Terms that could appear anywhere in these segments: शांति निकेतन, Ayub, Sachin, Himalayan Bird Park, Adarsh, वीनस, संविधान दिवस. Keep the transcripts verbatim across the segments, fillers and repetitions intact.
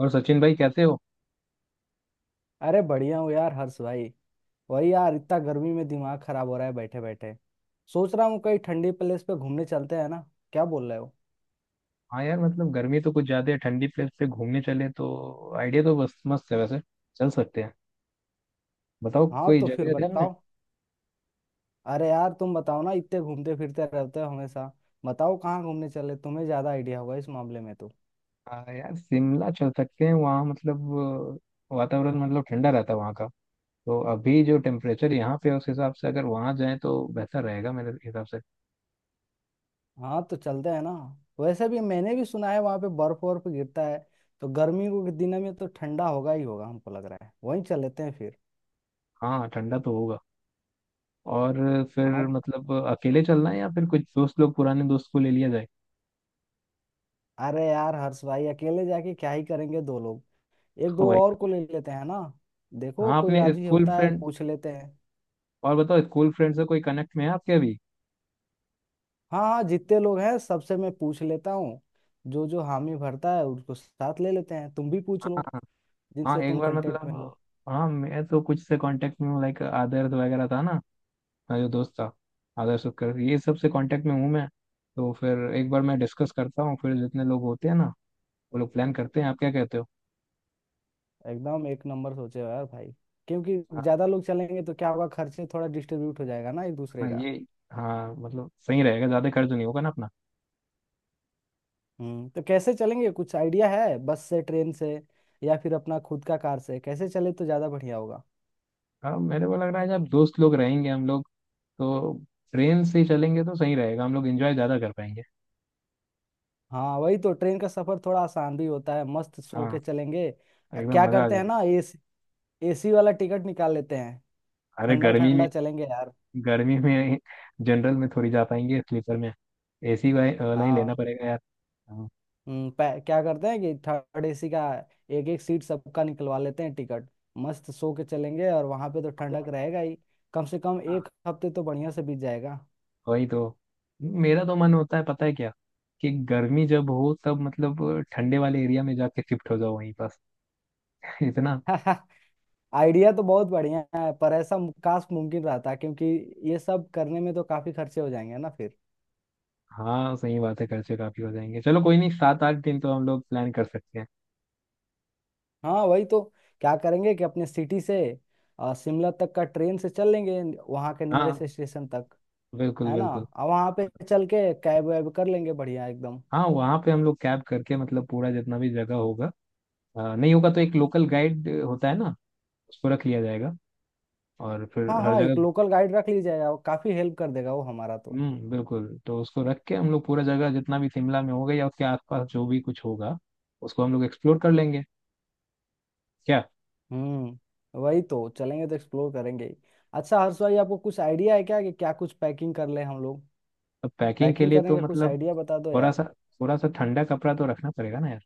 और सचिन भाई, कैसे हो? अरे बढ़िया हूँ यार हर्ष भाई। वही यार, इतना गर्मी में दिमाग खराब हो रहा है बैठे बैठे। सोच रहा हूँ कहीं ठंडी प्लेस पे घूमने चलते हैं ना, क्या बोल रहे हो? हाँ यार, मतलब गर्मी तो कुछ ज्यादा है। ठंडी प्लेस पे घूमने चले तो आइडिया तो बस मस्त है। वैसे चल सकते हैं। बताओ, हाँ कोई तो जगह फिर है ध्यान में? बताओ। अरे यार तुम बताओ ना, इतने घूमते फिरते रहते हो हमेशा। बताओ कहाँ घूमने चले, तुम्हें ज्यादा आइडिया होगा इस मामले में तो। हाँ यार, शिमला चल सकते हैं वहाँ। मतलब अ, वातावरण मतलब ठंडा रहता है वहाँ का। तो अभी जो टेम्परेचर यहाँ पे है, उस हिसाब से अगर वहाँ जाएं तो बेहतर रहेगा मेरे हिसाब से। हाँ तो चलते हैं ना। वैसे भी मैंने भी सुना है वहाँ पे बर्फ वर्फ गिरता है, तो गर्मी के दिनों में तो ठंडा होगा ही होगा। हमको लग रहा है वहीं चल लेते हैं फिर। हाँ, ठंडा तो होगा। और फिर हाँ, मतलब अकेले चलना है या फिर कुछ दोस्त लोग, पुराने दोस्त को ले लिया जाए। अरे यार हर्ष भाई, अकेले जाके क्या ही करेंगे दो लोग। एक दो वही और को तो। ले लेते हैं ना। देखो हाँ, कोई अपने राजी स्कूल होता है फ्रेंड। पूछ लेते हैं। और बताओ, स्कूल फ्रेंड से कोई कनेक्ट में है आपके अभी? हाँ हाँ जितने लोग हैं सबसे मैं पूछ लेता हूँ। जो जो हामी भरता है उसको साथ ले लेते हैं। तुम भी पूछ लो हाँ जिनसे एक तुम बार कांटेक्ट में हो। मतलब, हाँ मैं तो कुछ से कांटेक्ट में हूँ। लाइक आदर्श वगैरह था ना, मेरा जो दोस्त था। आदर्श, उपकर, ये सब से कांटेक्ट में हूँ मैं। तो फिर एक बार मैं डिस्कस करता हूँ, फिर जितने लोग होते हैं ना, वो लोग प्लान करते हैं। आप क्या कहते हो? एकदम एक नंबर सोचे हो यार भाई। क्योंकि हाँ। ज्यादा लोग चलेंगे तो क्या होगा, खर्चे थोड़ा डिस्ट्रीब्यूट हो जाएगा ना एक दूसरे हाँ, का। ये हाँ मतलब सही रहेगा, ज़्यादा खर्च नहीं होगा ना अपना। हम्म, तो कैसे चलेंगे, कुछ आइडिया है? बस से, ट्रेन से या फिर अपना खुद का कार से, कैसे चले तो ज्यादा बढ़िया होगा? हाँ मेरे को लग रहा है, जब दोस्त लोग रहेंगे हम लोग तो ट्रेन से ही चलेंगे तो सही रहेगा। हम लोग एंजॉय ज़्यादा कर पाएंगे। हाँ वही तो, ट्रेन का सफर थोड़ा आसान भी होता है, मस्त सो के हाँ, चलेंगे। अ, एकदम क्या मज़ा आ करते हैं जाएगा। ना, एसी, एसी वाला टिकट निकाल लेते हैं। अरे ठंडा गर्मी में! ठंडा चलेंगे यार। गर्मी में जनरल में थोड़ी जा पाएंगे, स्लीपर में। एसी वाला ही लेना हाँ। पड़ेगा यार। हाँ। हम्म, पै- क्या करते हैं कि थर्ड एसी का एक एक सीट सबका निकलवा लेते हैं टिकट। मस्त सो के चलेंगे और वहां पे तो ठंडक रहेगा ही। कम से कम हाँ, एक हफ्ते तो बढ़िया से बीत जाएगा। वही तो। मेरा तो मन होता है, पता है क्या, कि गर्मी जब हो तब मतलब ठंडे वाले एरिया में जाके शिफ्ट हो जाओ वहीं पास। इतना। आइडिया तो बहुत बढ़िया है, पर ऐसा मु- काश मुमकिन रहता, क्योंकि ये सब करने में तो काफी खर्चे हो जाएंगे ना फिर। हाँ सही बात है, खर्चे काफी हो जाएंगे। चलो कोई नहीं, सात आठ दिन तो हम लोग प्लान कर सकते हैं। हाँ वही तो। क्या करेंगे कि अपने सिटी से अ, शिमला तक का ट्रेन से चल लेंगे, वहाँ के नियरेस्ट हाँ, स्टेशन तक। बिल्कुल है ना, बिल्कुल। और वहाँ पे चल के कैब वैब कर लेंगे बढ़िया एकदम। हाँ वहाँ पे हम लोग कैब करके, मतलब पूरा जितना भी जगह होगा, अ, नहीं होगा तो एक लोकल गाइड होता है ना, उसको रख लिया जाएगा। और फिर हाँ हर हाँ एक जगह। लोकल गाइड रख लीजिए यार, काफी हेल्प कर देगा वो हमारा तो। हम्म, बिल्कुल। तो उसको रख के हम लोग पूरा जगह, जितना भी शिमला में होगा या उसके आसपास जो भी कुछ होगा, उसको हम लोग एक्सप्लोर कर लेंगे। क्या? हम्म वही तो, चलेंगे तो एक्सप्लोर करेंगे ही। अच्छा हर्ष भाई, आपको कुछ आइडिया है क्या कि क्या कुछ पैकिंग कर ले हम लोग? अब पैकिंग के पैकिंग लिए करने तो का कुछ मतलब आइडिया बता दो थोड़ा यार। सा, थोड़ा सा ठंडा कपड़ा तो रखना पड़ेगा ना यार।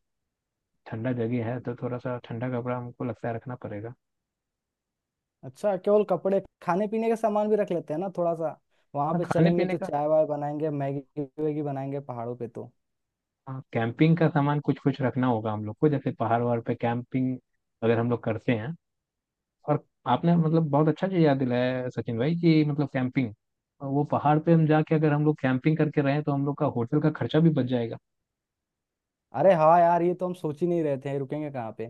ठंडा जगह है तो थोड़ा सा ठंडा कपड़ा हमको लगता है रखना पड़ेगा। अच्छा, केवल कपड़े, खाने पीने का सामान भी रख लेते हैं ना थोड़ा सा। वहां हाँ, पे खाने चलेंगे पीने तो का। चाय वाय बनाएंगे, मैगी वैगी बनाएंगे पहाड़ों पे तो। हाँ, कैंपिंग का सामान कुछ कुछ रखना होगा हम लोग को। जैसे पहाड़ वहाड़ पे कैंपिंग अगर हम लोग करते हैं। और आपने मतलब बहुत अच्छा चीज़ याद दिलाया है सचिन भाई, कि मतलब कैंपिंग, वो पहाड़ पे हम जाके अगर हम लोग कैंपिंग करके रहे तो हम लोग का होटल का खर्चा भी बच जाएगा। अरे हाँ यार ये तो हम सोच ही नहीं रहे थे रुकेंगे कहाँ पे।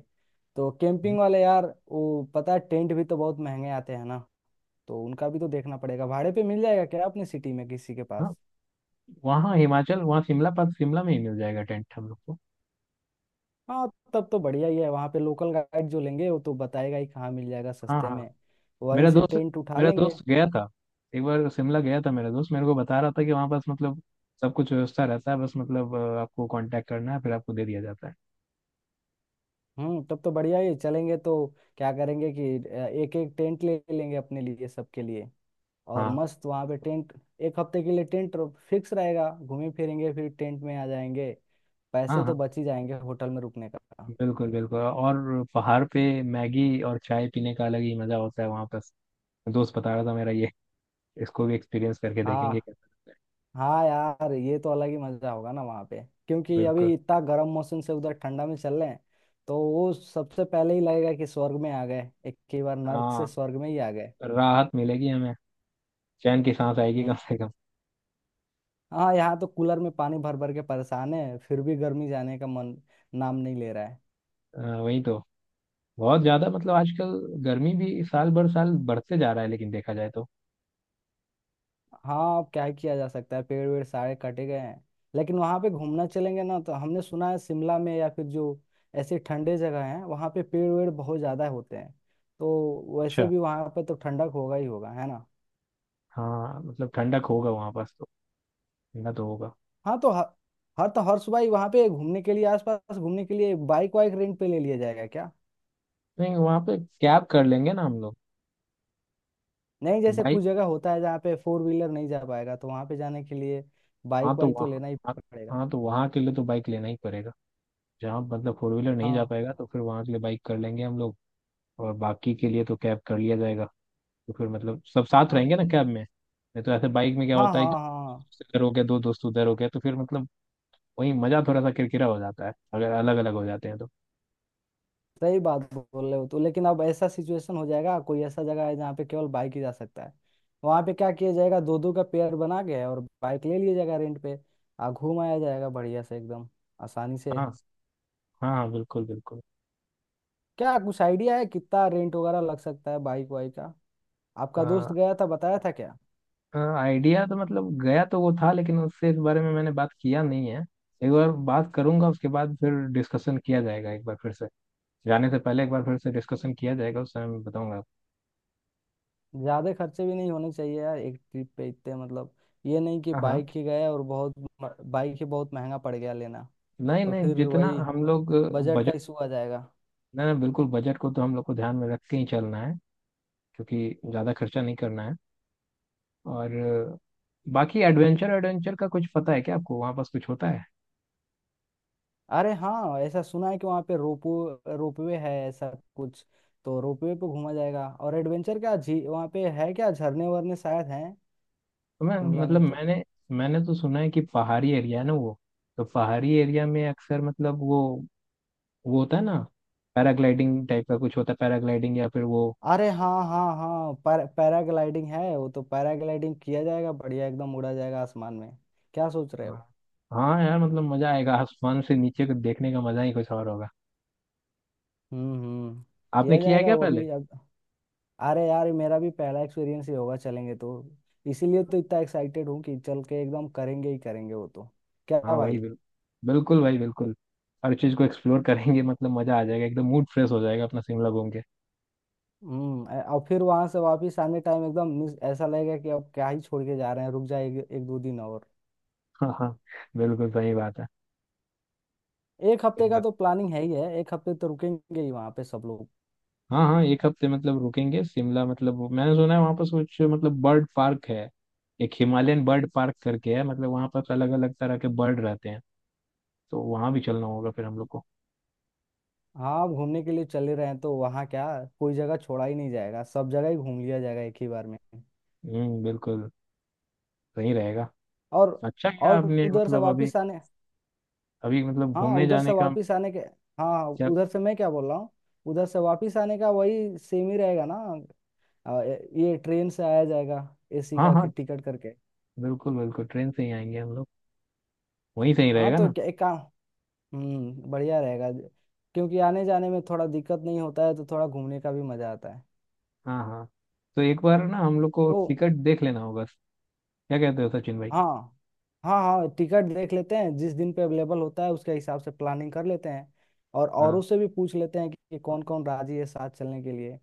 तो हम्म। कैंपिंग वाले यार, वो, पता है टेंट भी तो बहुत महंगे आते हैं ना। तो उनका भी तो देखना पड़ेगा, भाड़े पे मिल जाएगा क्या अपनी सिटी में किसी के पास। हाँ वहाँ हिमाचल, वहाँ शिमला पास, शिमला में ही मिल जाएगा टेंट हम लोग को। हाँ, तब तो बढ़िया ही है, वहाँ पे लोकल गाइड जो लेंगे वो तो बताएगा ही कहाँ मिल जाएगा हाँ सस्ते हाँ। में। वहीं मेरा से दोस्त टेंट उठा मेरा लेंगे। दोस्त गया था। एक बार शिमला गया था मेरा दोस्त, मेरे को बता रहा था कि वहाँ पास मतलब सब कुछ व्यवस्था रहता है। बस मतलब अ, आपको कांटेक्ट करना है फिर आपको दे दिया जाता है। हम्म, तब तो बढ़िया ही है। चलेंगे तो क्या करेंगे कि एक एक टेंट ले लेंगे अपने लिए, सबके लिए। और हाँ मस्त वहाँ पे टेंट, एक हफ्ते के लिए टेंट फिक्स रहेगा, घूमे फिरेंगे फिर टेंट में आ जाएंगे। हाँ पैसे हाँ, तो बच ही जाएंगे होटल में रुकने का। बिल्कुल बिल्कुल। और पहाड़ पे मैगी और चाय पीने का अलग ही मजा होता है वहाँ पास। दोस्त बता रहा था मेरा ये। इसको भी एक्सपीरियंस करके हाँ, देखेंगे कैसा लगता है। हाँ यार ये तो अलग ही मजा होगा ना वहाँ पे, क्योंकि बिल्कुल। अभी इतना गर्म मौसम से उधर ठंडा में चल रहे हैं। तो वो सबसे पहले ही लगेगा कि स्वर्ग में आ गए, एक ही बार नर्क से हाँ, स्वर्ग में ही आ गए। राहत मिलेगी हमें। चैन की सांस आएगी कम से कम। हाँ यहाँ तो कूलर में पानी भर भर के परेशान है, फिर भी गर्मी जाने का मन नाम नहीं ले रहा है। अ, वही तो। बहुत ज्यादा मतलब आजकल गर्मी भी साल भर साल बढ़ते जा रहा है, लेकिन देखा जाए तो। हाँ अब क्या ही किया जा सकता है, पेड़ वेड़ सारे कटे गए हैं। लेकिन वहाँ पे घूमना चलेंगे ना तो, हमने सुना है शिमला में या फिर जो ऐसे ठंडे जगह हैं वहाँ पे पेड़ वेड़ बहुत ज़्यादा होते हैं। तो वैसे अच्छा। भी वहाँ पे तो ठंडक होगा ही होगा, है ना। हाँ मतलब ठंडक होगा वहाँ पास तो। ठंडा तो होगा। हाँ तो हर हर तो हर सुबह ही वहाँ पे घूमने के लिए, आसपास घूमने के लिए बाइक वाइक रेंट पे ले लिया जाएगा क्या? नहीं, वहाँ पे कैब कर लेंगे ना हम लोग। नहीं जैसे बाइक। कुछ जगह होता है जहाँ पे फोर व्हीलर नहीं जा पाएगा, तो वहाँ पे जाने के लिए हाँ बाइक तो वाइक तो वहाँ। लेना ही हाँ। पड़ेगा। हाँ, तो वहाँ के लिए तो बाइक लेना ही पड़ेगा। जहाँ मतलब फोर व्हीलर नहीं जा हाँ पाएगा तो फिर वहाँ के लिए बाइक कर लेंगे हम लोग। और बाकी के लिए तो कैब कर लिया जाएगा। तो फिर मतलब सब साथ हाँ रहेंगे ना कैब में। नहीं तो ऐसे बाइक में क्या हाँ। होता है कि हाँ हाँ दोस्त इधर हो गया, दो दोस्त उधर हो गया, तो फिर मतलब वही मजा थोड़ा सा किरकिरा हो जाता है अगर अलग अलग हो जाते हैं तो। सही बात बोल रहे हो तो, लेकिन अब ऐसा सिचुएशन हो जाएगा, कोई ऐसा जगह है जहाँ पे केवल बाइक ही जा सकता है। वहाँ पे क्या किया जाएगा, दो दो का पेयर बना के और बाइक ले लिया जाएगा रेंट पे, आ घूम आया जाएगा बढ़िया से एकदम, आसानी से। हाँ हाँ हाँ, बिल्कुल बिल्कुल। क्या कुछ आइडिया है कितना रेंट वगैरह लग सकता है बाइक वाइक का? आपका दोस्त गया था, बताया था क्या? आइडिया तो मतलब, गया तो वो था, लेकिन उससे इस बारे में मैंने बात किया नहीं है। एक बार बात करूंगा, उसके बाद फिर डिस्कशन किया जाएगा एक बार फिर से। जाने से पहले एक बार फिर से डिस्कशन किया जाएगा, उस समय मैं बताऊंगा आपको। ज्यादा खर्चे भी नहीं होने चाहिए यार एक ट्रिप पे, इतने मतलब, ये नहीं कि हाँ हाँ। बाइक ही गए और बहुत, बाइक ही बहुत महंगा पड़ गया लेना। नहीं तो नहीं, फिर जितना वही हम लोग। बजट का बजट। इशू आ जाएगा। नहीं नहीं, बिल्कुल बजट को तो हम लोग को ध्यान में रख के ही चलना है, क्योंकि ज़्यादा खर्चा नहीं करना है। और अ, बाकी एडवेंचर एडवेंचर का कुछ पता है क्या आपको? वहाँ पास कुछ होता है? अरे हाँ ऐसा सुना है कि वहाँ पे रोपो रोपवे है ऐसा कुछ। तो रोपवे पे घूमा जाएगा। और एडवेंचर क्या झी वहाँ पे है क्या, झरने वरने शायद हैं तो मैं शिमला मतलब में तो। मैंने, मैंने तो सुना है कि पहाड़ी एरिया है ना वो, तो पहाड़ी एरिया में अक्सर मतलब वो वो होता है ना, पैराग्लाइडिंग टाइप का कुछ होता है। पैराग्लाइडिंग या फिर वो। अरे हाँ हाँ हाँ पैरा पैराग्लाइडिंग है, वो तो पैराग्लाइडिंग किया जाएगा बढ़िया एकदम, उड़ा जाएगा आसमान में। क्या सोच रहे हाँ। हो? हाँ यार, मतलब मजा आएगा। आसमान से नीचे को देखने का मजा ही कुछ और होगा। हम्म हम्म। आपने किया किया है जाएगा क्या वो पहले? भी अब। अरे यार मेरा भी पहला एक्सपीरियंस ही होगा चलेंगे तो। इसीलिए तो इतना एक्साइटेड हूँ कि चल के एकदम करेंगे ही करेंगे वो तो। क्या हाँ भाई भाई। बिल्कुल, बिल्कुल भाई बिल्कुल। हर चीज को एक्सप्लोर करेंगे, मतलब मजा आ जाएगा एकदम। मूड फ्रेश हो जाएगा अपना शिमला घूम के। हम्म। अ- और फिर वहां से वापिस आने टाइम एकदम मिस ऐसा लगेगा कि अब क्या ही छोड़ के जा रहे हैं, रुक जाए एक, एक दो दिन और। हाँ हाँ, बिल्कुल सही बात है। एक सही हफ्ते का बात तो है। प्लानिंग है ही है, एक हफ्ते तो रुकेंगे ही वहां पे सब लोग। हाँ हाँ, एक हफ्ते मतलब रुकेंगे शिमला। मतलब वो- मैंने सुना है वहाँ पर कुछ मतलब बर्ड पार्क है, एक हिमालयन बर्ड पार्क करके है। मतलब वहाँ पर अलग अलग तरह के बर्ड रहते हैं तो वहाँ भी चलना होगा फिर हम लोग को। हाँ घूमने के लिए चले रहे हैं तो वहाँ क्या, कोई जगह छोड़ा ही नहीं जाएगा, सब जगह ही घूम लिया जाएगा एक ही बार में। हम्म, बिल्कुल। सही रहेगा। और अच्छा, क्या और आपने उधर से मतलब अभी, वापिस आने, अभी मतलब हाँ घूमने उधर जाने से का? वापस आने के, हाँ क्या? उधर से मैं क्या बोल रहा हूँ, उधर से वापस आने का वही सेम ही रहेगा ना। आ, ए- ये ट्रेन से आया जाएगा, एसी हाँ का हाँ, टिकट करके। बिल्कुल बिल्कुल, ट्रेन से ही आएंगे हम लोग। वहीं से ही हाँ रहेगा तो ना। क्या- एक काम, हम्म बढ़िया रहेगा, क्योंकि आने जाने में थोड़ा दिक्कत नहीं होता है तो थोड़ा घूमने का भी मजा आता है। हाँ हाँ। तो एक बार ना हम लोग को तो टिकट देख लेना होगा। क्या कहते हो सचिन भाई? हाँ। हाँ हाँ टिकट देख लेते हैं जिस दिन पे अवेलेबल होता है उसके हिसाब से प्लानिंग कर लेते हैं। और औरों हाँ से भी पूछ लेते हैं कि कौन कौन राजी है साथ चलने के लिए।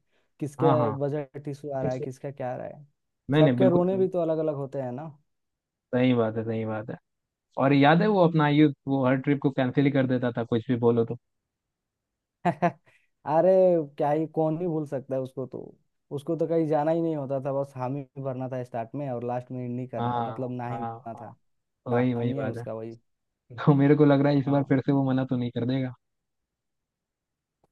हाँ किसके हाँ। बजट इशू आ रहा है, किसका क्या आ रहा है। नहीं नहीं सबके बिल्कुल। रोने भी तो अलग अलग होते हैं ना। सही बात है, सही बात है। और याद है वो अपना आयुब, वो हर ट्रिप को कैंसिल ही कर देता था कुछ भी बोलो तो? अरे, क्या ही, कौन ही भूल सकता है उसको तो। उसको तो कहीं जाना ही नहीं होता था, बस हामी ही भरना था स्टार्ट में और लास्ट में नहीं करना हाँ मतलब ना ही हाँ भरना हाँ, था। वही काम वही ही है बात है। उसका वही। तो मेरे को लग रहा है इस बार हाँ। फिर से वो मना तो नहीं कर देगा।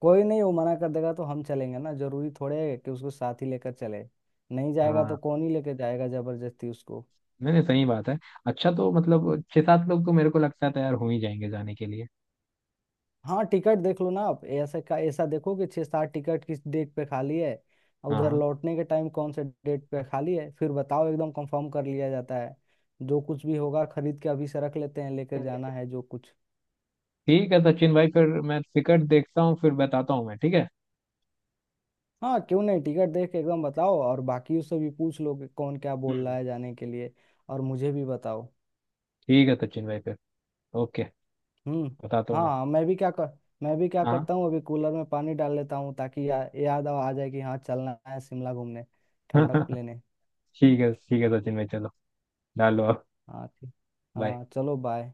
कोई नहीं, वो मना कर देगा तो हम चलेंगे ना, जरूरी थोड़े है कि उसको साथ ही लेकर चले। नहीं जाएगा हाँ। तो कौन ही लेकर जाएगा जबरदस्ती उसको। नहीं नहीं सही बात है। अच्छा, तो मतलब छह सात लोग तो मेरे को लगता है तैयार हो ही जाएंगे जाने के लिए। हाँ टिकट देख लो ना आप, ऐसा का ऐसा देखो कि छः सात टिकट किस डेट पे खाली है और हाँ उधर हाँ। लौटने के टाइम कौन से डेट पे खाली है, फिर बताओ, एकदम कंफर्म कर लिया जाता है। जो कुछ भी होगा खरीद के अभी से रख लेते हैं, लेकर जाना है जो कुछ। ठीक है सचिन भाई, फिर मैं टिकट देखता हूँ फिर बताता हूँ मैं, ठीक है? हाँ क्यों नहीं, टिकट देख के एकदम बताओ, और बाकियों से भी पूछ लो कि कौन क्या बोल हम्म, रहा है जाने के लिए। और मुझे भी बताओ। ठीक है सचिन भाई फिर। ओके, हम्म। बताता हूँ मैं। हाँ मैं भी क्या कर मैं भी क्या हाँ। करता हूँ अभी कूलर में पानी डाल लेता हूँ ताकि या, याद आ जाए कि हाँ चलना है शिमला घूमने, ठंडक लेने। ठीक है ठीक है सचिन भाई, चलो डालो अब। हाँ ठीक। Bye. हाँ चलो बाय।